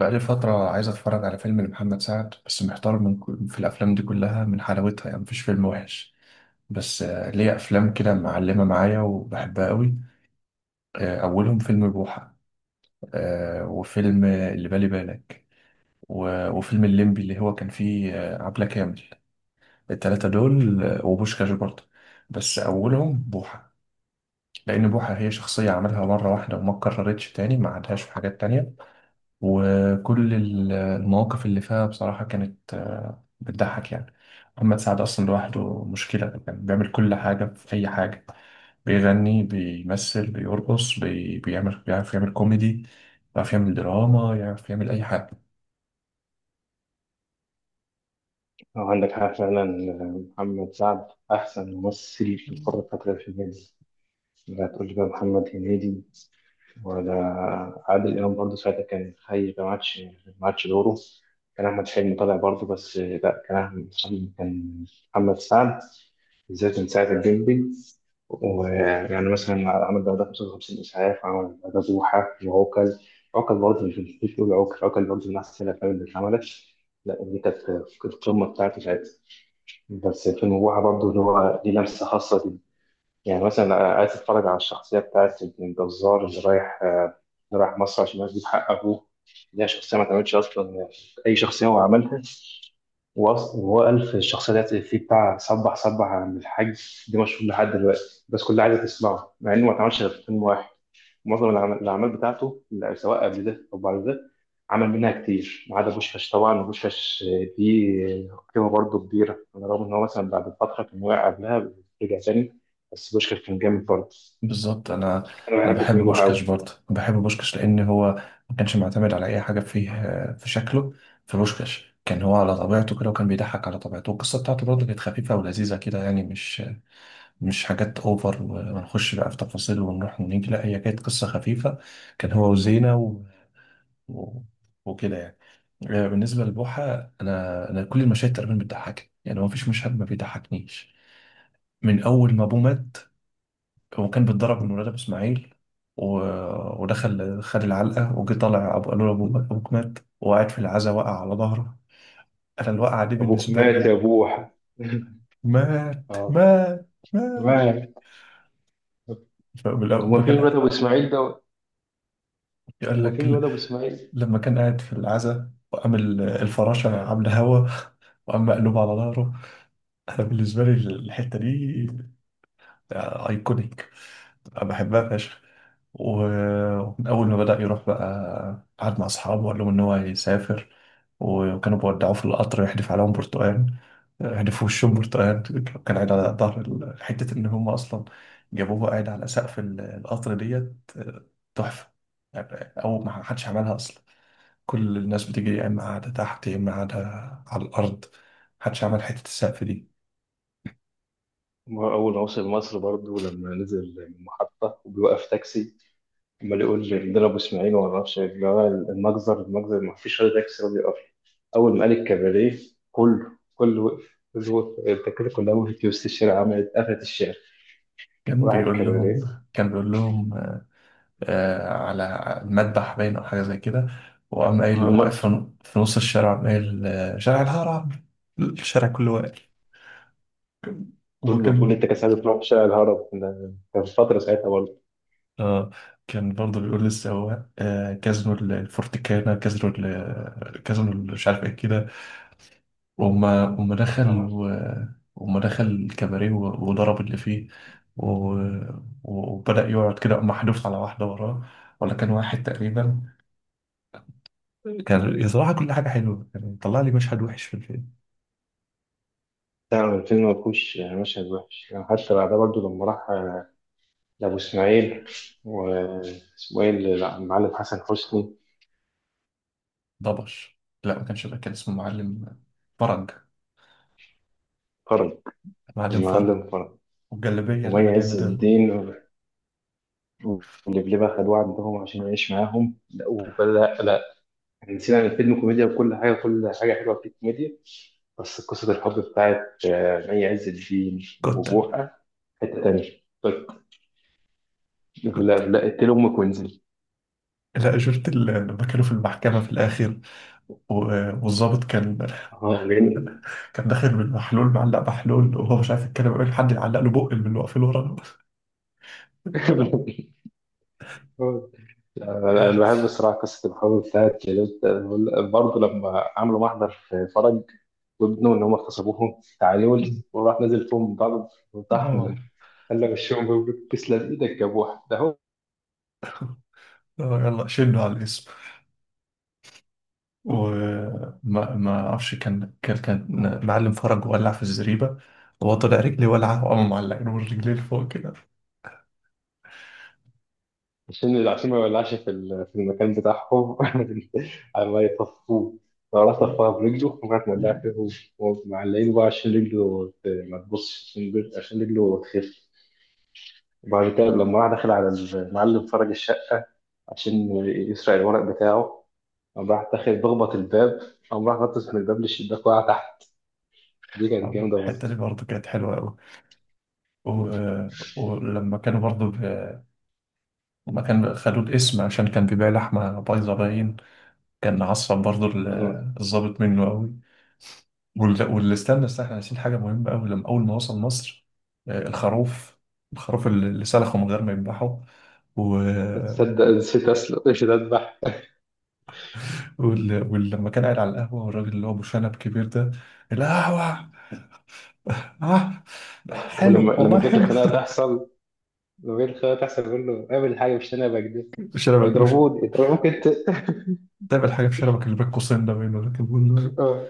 بقالي فترة عايز أتفرج على فيلم لمحمد سعد، بس محتار من في الأفلام دي كلها من حلاوتها، يعني مفيش فيلم وحش. بس ليه أفلام كده معلمة معايا وبحبها قوي. أولهم فيلم بوحة، وفيلم اللي بالي بالك، و- وفيلم الليمبي اللي هو كان فيه عبلة كامل. التلاتة دول، وبوشكاش برضه. بس أولهم بوحة، لأن بوحة هي شخصية عملها مرة واحدة وما اتكررتش تاني، ما عادهاش في حاجات تانية. وكل المواقف اللي فيها بصراحة كانت بتضحك يعني. محمد سعد أصلا لوحده مشكلة، كان بيعمل كل حاجة في أي حاجة. بيغني، بيمثل، بيرقص، بي... بيعمل بيعرف يعمل كوميدي، بيعرف يعمل دراما، يعرف يعمل أي حاجة. اه، عندك حق فعلا. محمد سعد أحسن ممثل في القارة الفترة في الجاية. لا تقول لي بقى محمد هنيدي ولا عادل إمام، برضه ساعتها كان حي، ما عادش دوره. كان أحمد حلمي طالع برضه، بس لا، كان أحمد حلمي، كان محمد سعد بالذات من ساعة الجندي. ويعني مثلا عمل بعدها 55 إسعاف، عمل بعدها بوحة وعوكل. عوكل برضه، مش بقول عوكل، عوكل برضه من أحسن الأفلام اللي اتعملت. لا، دي كانت القمة بتاعته ساعتها. بس في النبوحة برضه اللي هو ليه لمسة خاصة دي. يعني مثلا عايز اتفرج على الشخصية بتاعت ابن الجزار اللي رايح، اللي رايح مصر عشان يجيب حق أبوه، اللي هي شخصية ما اتعملتش أصلا، أي شخصية هو عملها. وأصلا هو قال في الشخصية ديت في بتاع صبح صبح، عن الحاج دي مشهور لحد دلوقتي، بس كلها عايزة تسمعه مع إنه ما اتعملش غير في فيلم واحد. معظم الاعمال بتاعته، لا، سواء قبل ده او بعد ده، عمل منها كتير ما عدا بوشكاش. طبعا بوشكاش دي قيمه برضه كبيره، على الرغم ان هو مثلا بعد فتره كان واقع قبلها، رجع تاني. بس بوشكاش كان جامد برضه. بالظبط. أنا انا أنا بحب بحب فيلم بوحه بوشكاش قوي. برضه، بحب بوشكاش لأن هو ما كانش معتمد على أي حاجة فيه، في شكله. في بوشكاش كان هو على طبيعته كده، وكان بيضحك على طبيعته، والقصة بتاعته برضه كانت خفيفة ولذيذة كده، يعني مش حاجات اوفر ونخش بقى في تفاصيل ونروح ونيجي، لا هي كانت قصة خفيفة. كان هو وزينة و... وكده يعني. بالنسبة لبوحة، انا كل المشاهد تقريبا بتضحكني، يعني ما فيش مشهد ما بيضحكنيش. من اول ما ابوه مات، هو كان بيتضرب من ولاد ابو اسماعيل، و... ودخل خد العلقة وجي طالع ابو قالوا له ابوك مات، وقعد في العزا وقع على ظهره. انا الوقعة دي ابوك بالنسبة مات يا لي، بوحه مات اه. مات مات. ما- فبالأول- هما فين بكل- الواد ابو اسماعيل ده؟ يقول هما لك، فين الواد ابو اسماعيل؟ لما كان قاعد في العزا وقام الفراشة عاملة هوا، وقام مقلوب على ظهره. أنا بالنسبة لي الحتة دي أيكونيك، أنا بحبها فشخ. و- ومن أول ما بدأ يروح، بقى قعد مع أصحابه وقال لهم إن هو هيسافر، وكانوا بيودعوه في القطر يحدف عليهم برتقال، يحدف في وشهم برتقال، كان قاعد على ظهر حتة إن هم أصلا جابوه قاعد على سقف القطر ديت، تحفة. يعني أول ما حدش عملها أصلا، كل الناس بتيجي يا إما قاعدة تحت يا إما قاعدة على الأرض، محدش عمل حتة السقف دي. ما هو أول ما وصل مصر برضه، لما نزل من المحطة وبيوقف تاكسي، عمال يقول لي ضربوا اسماعيل وما اعرفش إيه. اللي هو المجزر، المجزر، ما فيش حد يكسر راضي يقف. اول ما قال الكباريه، كله وقف، كله وقف، التكاتك كلها وقفت في وسط الشارع، عملت قفلت الشارع، وراح الكباريه. كان بيقول لهم آه على المذبح باين أو حاجة زي كده، وقام قايل، آه، قام واقف المجزر. في نص الشارع، قام قايل شارع الهرم، الشارع كله واقف. كل وكان التكاسات بتروح في شارع الهرب ده، كان فترة ساعتها برضه. آه، كان برضه بيقول للسواق آه كازنوا الفورتيكانا، كازنوا كازنوا مش عارف ايه كده. وأما دخل آه. وأما دخل الكباريه وضرب اللي فيه، وبدأ يقعد كده، أما حدف على واحدة وراه، ولا كان واحد تقريبا. كان بصراحة كل حاجة حلوة، يعني طلع لي مشهد وحش في الفيلم؟ بتاع الفيلم ما فيهوش مشهد وحش يعني، حتى بعدها برضه لما راح، لأبو إسماعيل، واسمه إيه لا، المعلم حسن حسني. ضبش. لا ما كانش ده، كان اسمه معلم فرج، فرج. معلم فرج. المعلم فرج. والجلابية اللي ومي مليانة عز دم. الدين ولبلبة خدوه عندهم عشان يعيش معاهم، لا ولا لا، احنا نسينا ان الفيلم كوميديا، وكل حاجة حلوة فيه كوميديا. بس قصة الحب بتاعت، مي عز الدين كتة، وبوحة حتة تانية. طيب، لا كتة. لا اقتلي أمك وانزلي. لا شفت لما كانوا في المحكمة في الآخر، و- والظابط كان اه جميل. كان داخل بالمحلول، معلق محلول وهو مش عارف يتكلم قبل حد يعلق له بق من اللي واقفين ورا. أنا بحب الصراحة قصة الحب بتاعت برضه لما عملوا محضر في فرج وابنه إن هم اغتصبوهم، تعالوا، مم. وراح نازل فيهم بعض وطحن، اه. خلى وشهم يقولوا تسلم إيدك يا بوحة ده هو. يلا شنه على الاسم. وما ما ما اعرفش، كان معلم فرج ولع في الزريبه، وهو طلع رجلي ولعه، وقام معلقين الرجلين فوق كده. عشان ما يولعش في المكان بتاعهم، على ما يطفوه. لو راح طفاها برجله ممكن تولع فيه. هو معلقينه بقى عشان رجله ما تبصش، عشان رجله تخف. وبعد كده لما راح داخل على المعلم فرج الشقة عشان يسرق الورق بتاعه، قام راح داخل بخبط الباب، قام راح نطس من الباب للشباك، وقع تحت. دي كانت جامدة الحته دي برضه. برضه كانت حلوه قوي. و... ولما كانوا برضه ب... لما كان خدوا الاسم عشان كان بيبيع لحمه بايظه باين، كان عصب برضو الضابط منه قوي. وال- واللي استنى احنا ناسيين حاجة مهمة قوي، لما أول ما وصل مصر، الخروف، الخروف اللي سلخه من غير ما يذبحه. و... آه، تصدق نسيت أسلق نسيت أذبح. ولما كان قاعد على القهوة، والراجل اللي هو أبو شنب كبير ده، القهوة. آه حلو ولما والله كانت حلو. الخناقة تحصل، لو جيت الخيار تحصل، يقول له اعمل حاجه، مش انا بكده، شنبك هيضربوني يضربوك انت. دايما الحاجة في شنبك اللي بين قوسين ده، بينه لكن بقول له اه.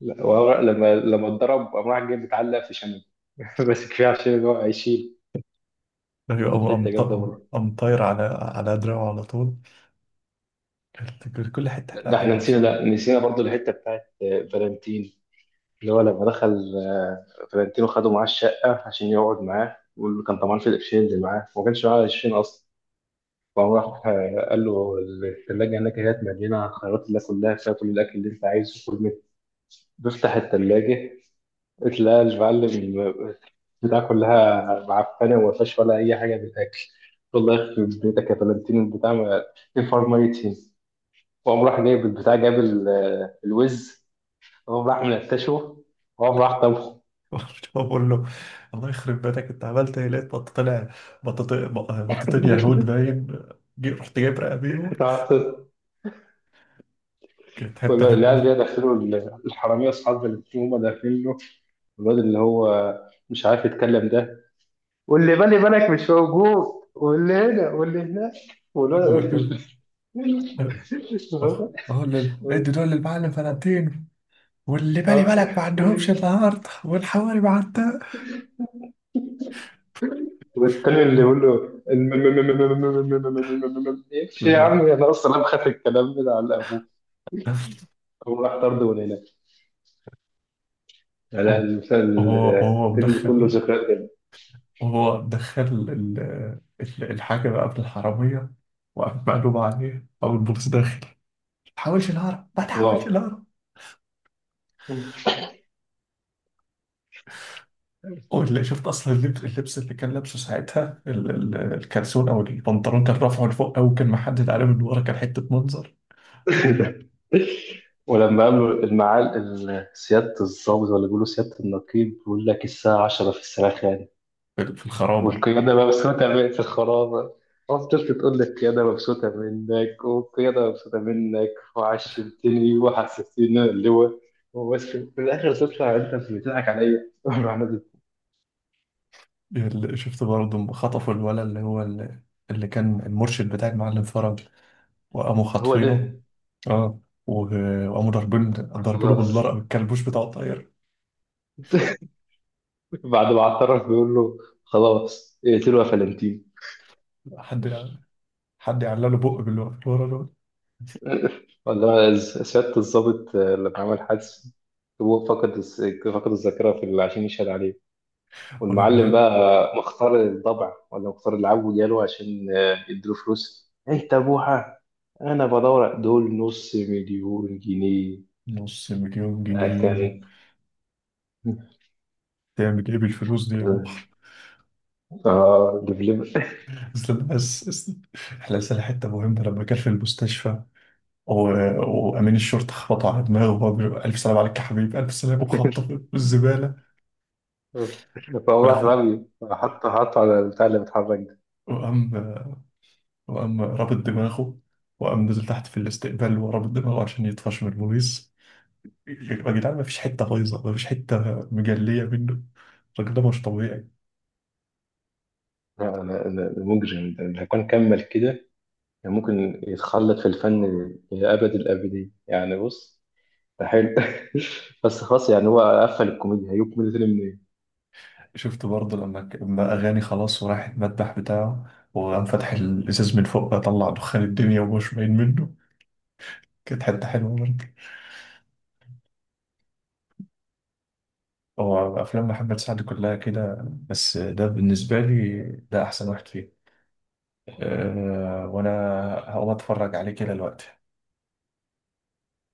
لا، وهو لما اتضرب قام راح جاي متعلق في شنب، بس كفايه عشان اللي هو هيشيل. إيه؟ دي أيوة، كانت قام حته جامده برضه. قام طاير على دراعه على طول. كانت كل حتة ده احنا حلوة نسينا، بصراحة. لا، نسينا برضه الحته بتاعت، فالنتين. اللي هو لما دخل، فالنتين وخده معاه الشقه عشان يقعد معاه، واللي كان طمعان في القرشين اللي معاه، وما كانش معاه قرشين اصلا. فقام راح، قال له الثلاجه هناك هي مليانه خيارات الله، كلها فيها، كل الاكل اللي انت عايزه كل منه. بيفتح الثلاجه، لا، المعلم بتاع كلها معفنه وما فيهاش ولا اي حاجه بتاكل. والله يخرب بيتك يا فلانتين البتاع، ما الفار ميتين. وقام راح جايب البتاع، الوز، وقام راح منتشه، وقام راح طبخه. بقول له الله يخرب بيتك، انت عملت ايه؟ لقيت بط طلع، بطتين يهود باين. رحت جايب رقه بيهم. تعرف- كانت حته والعيال حلوه. دي داخلوا، الحراميه اصحاب فلانتين هم داخلين له، الواد اللي هو مش عارف يتكلم ده، واللي بالي بالك مش موجود، واللي هنا واللي هناك، قال له والواد. كده. اه اه. ادي دول للمعلم فلانتين، واللي بالي اه. بالك ما عندهمش النهارده، والحواري ما عندها. والتاني اللي يقول له امشي يا ال- عم، انا اصلا بخاف الكلام ده على ابوه. هو راح طرد من هنا. لا، هو المسلسل، هو الفيلم كله مدخل، ذكريات جدا. هو مدخل الحاجة بقى قبل الحرامية، وقام مقلوب عليه أو البوليس داخل: ما تحاولش الهرب، ما تحاولش اه. الهرب. واللي شفت اصلا اللبس، اللي كان لابسه ساعتها الكلسون او البنطلون، كان رافعه لفوق او كان محدد عليه من ورا، كان حته منظر. ولما قالوا سيادة الضابط ولا بيقولوا سيادة النقيب، بيقول لك الساعة 10 في الساعة، في الخرابه. والقيادة مبسوطة من في الخرابة، خلاص طفل تقول لك القيادة مبسوطة منك والقيادة مبسوطة منك، وعشمتني وحسستني إن أنا اللواء، وبس في الآخر تطلع أنت بتضحك عليا. الواحد اللي شفت برضه لما خطفوا الولد اللي هو اللي كان المرشد بتاع المعلم فرج، وقاموا هو خاطفينه. ده. اه. وقاموا ضاربينه خلاص. بالنار، او الكلبوش بتاعه طاير. بعد ما اعترف بيقول له خلاص اقتلوا يا فلنتين. حد حد يعلق له بق باللي واقف ورا دول. ولا سيادة الضابط، لما عمل حادثة، هو فقد فقد الذاكرة عشان يشهد عليه، والمعلم ولما بقى مختار الضبع ولا مختار العب وجاله عشان، يديله فلوس ايه تابوها. انا بدور دول نص مليون جنيه. 500,000 جنيه اكل. تعمل ايه بالفلوس دي يا بوح. اه لبلب. اصل احنا لسه حته مهمه لما كان في المستشفى، و... وامين الشرطه خبطوا على دماغه، وهو بيقول الف سلام عليك يا حبيبي، الف سلام، وخبطه في الزباله. وفي فهو راح الاخر، رمي، حط حط على البتاع اللي بيتحرك ده. وقام وقام رابط دماغه، وقام نزل تحت في الاستقبال ورابط دماغه عشان يطفش من البوليس. يا جدعان، ما فيش حته بايظه، ما فيش حته مجليه منه، الراجل ده مش طبيعي. لا، انا مجرم ده، لو كان كمل كده كان ممكن يتخلد في الفن لابد الابدين. يعني بص، ده حلو، بس خلاص يعني هو قفل الكوميديا هيجيب كوميديا تاني. شفت برضه لما لما اغاني خلاص وراح المذبح بتاعه، وقام فاتح الازاز من فوق، طلع دخان الدنيا ومش باين منه. كانت حتة حلوة برضه. هو أفلام محمد سعد كلها كده، بس ده بالنسبة لي، ده أحسن واحد فيه. أه، وأنا هقوم أتفرج عليه كده دلوقتي.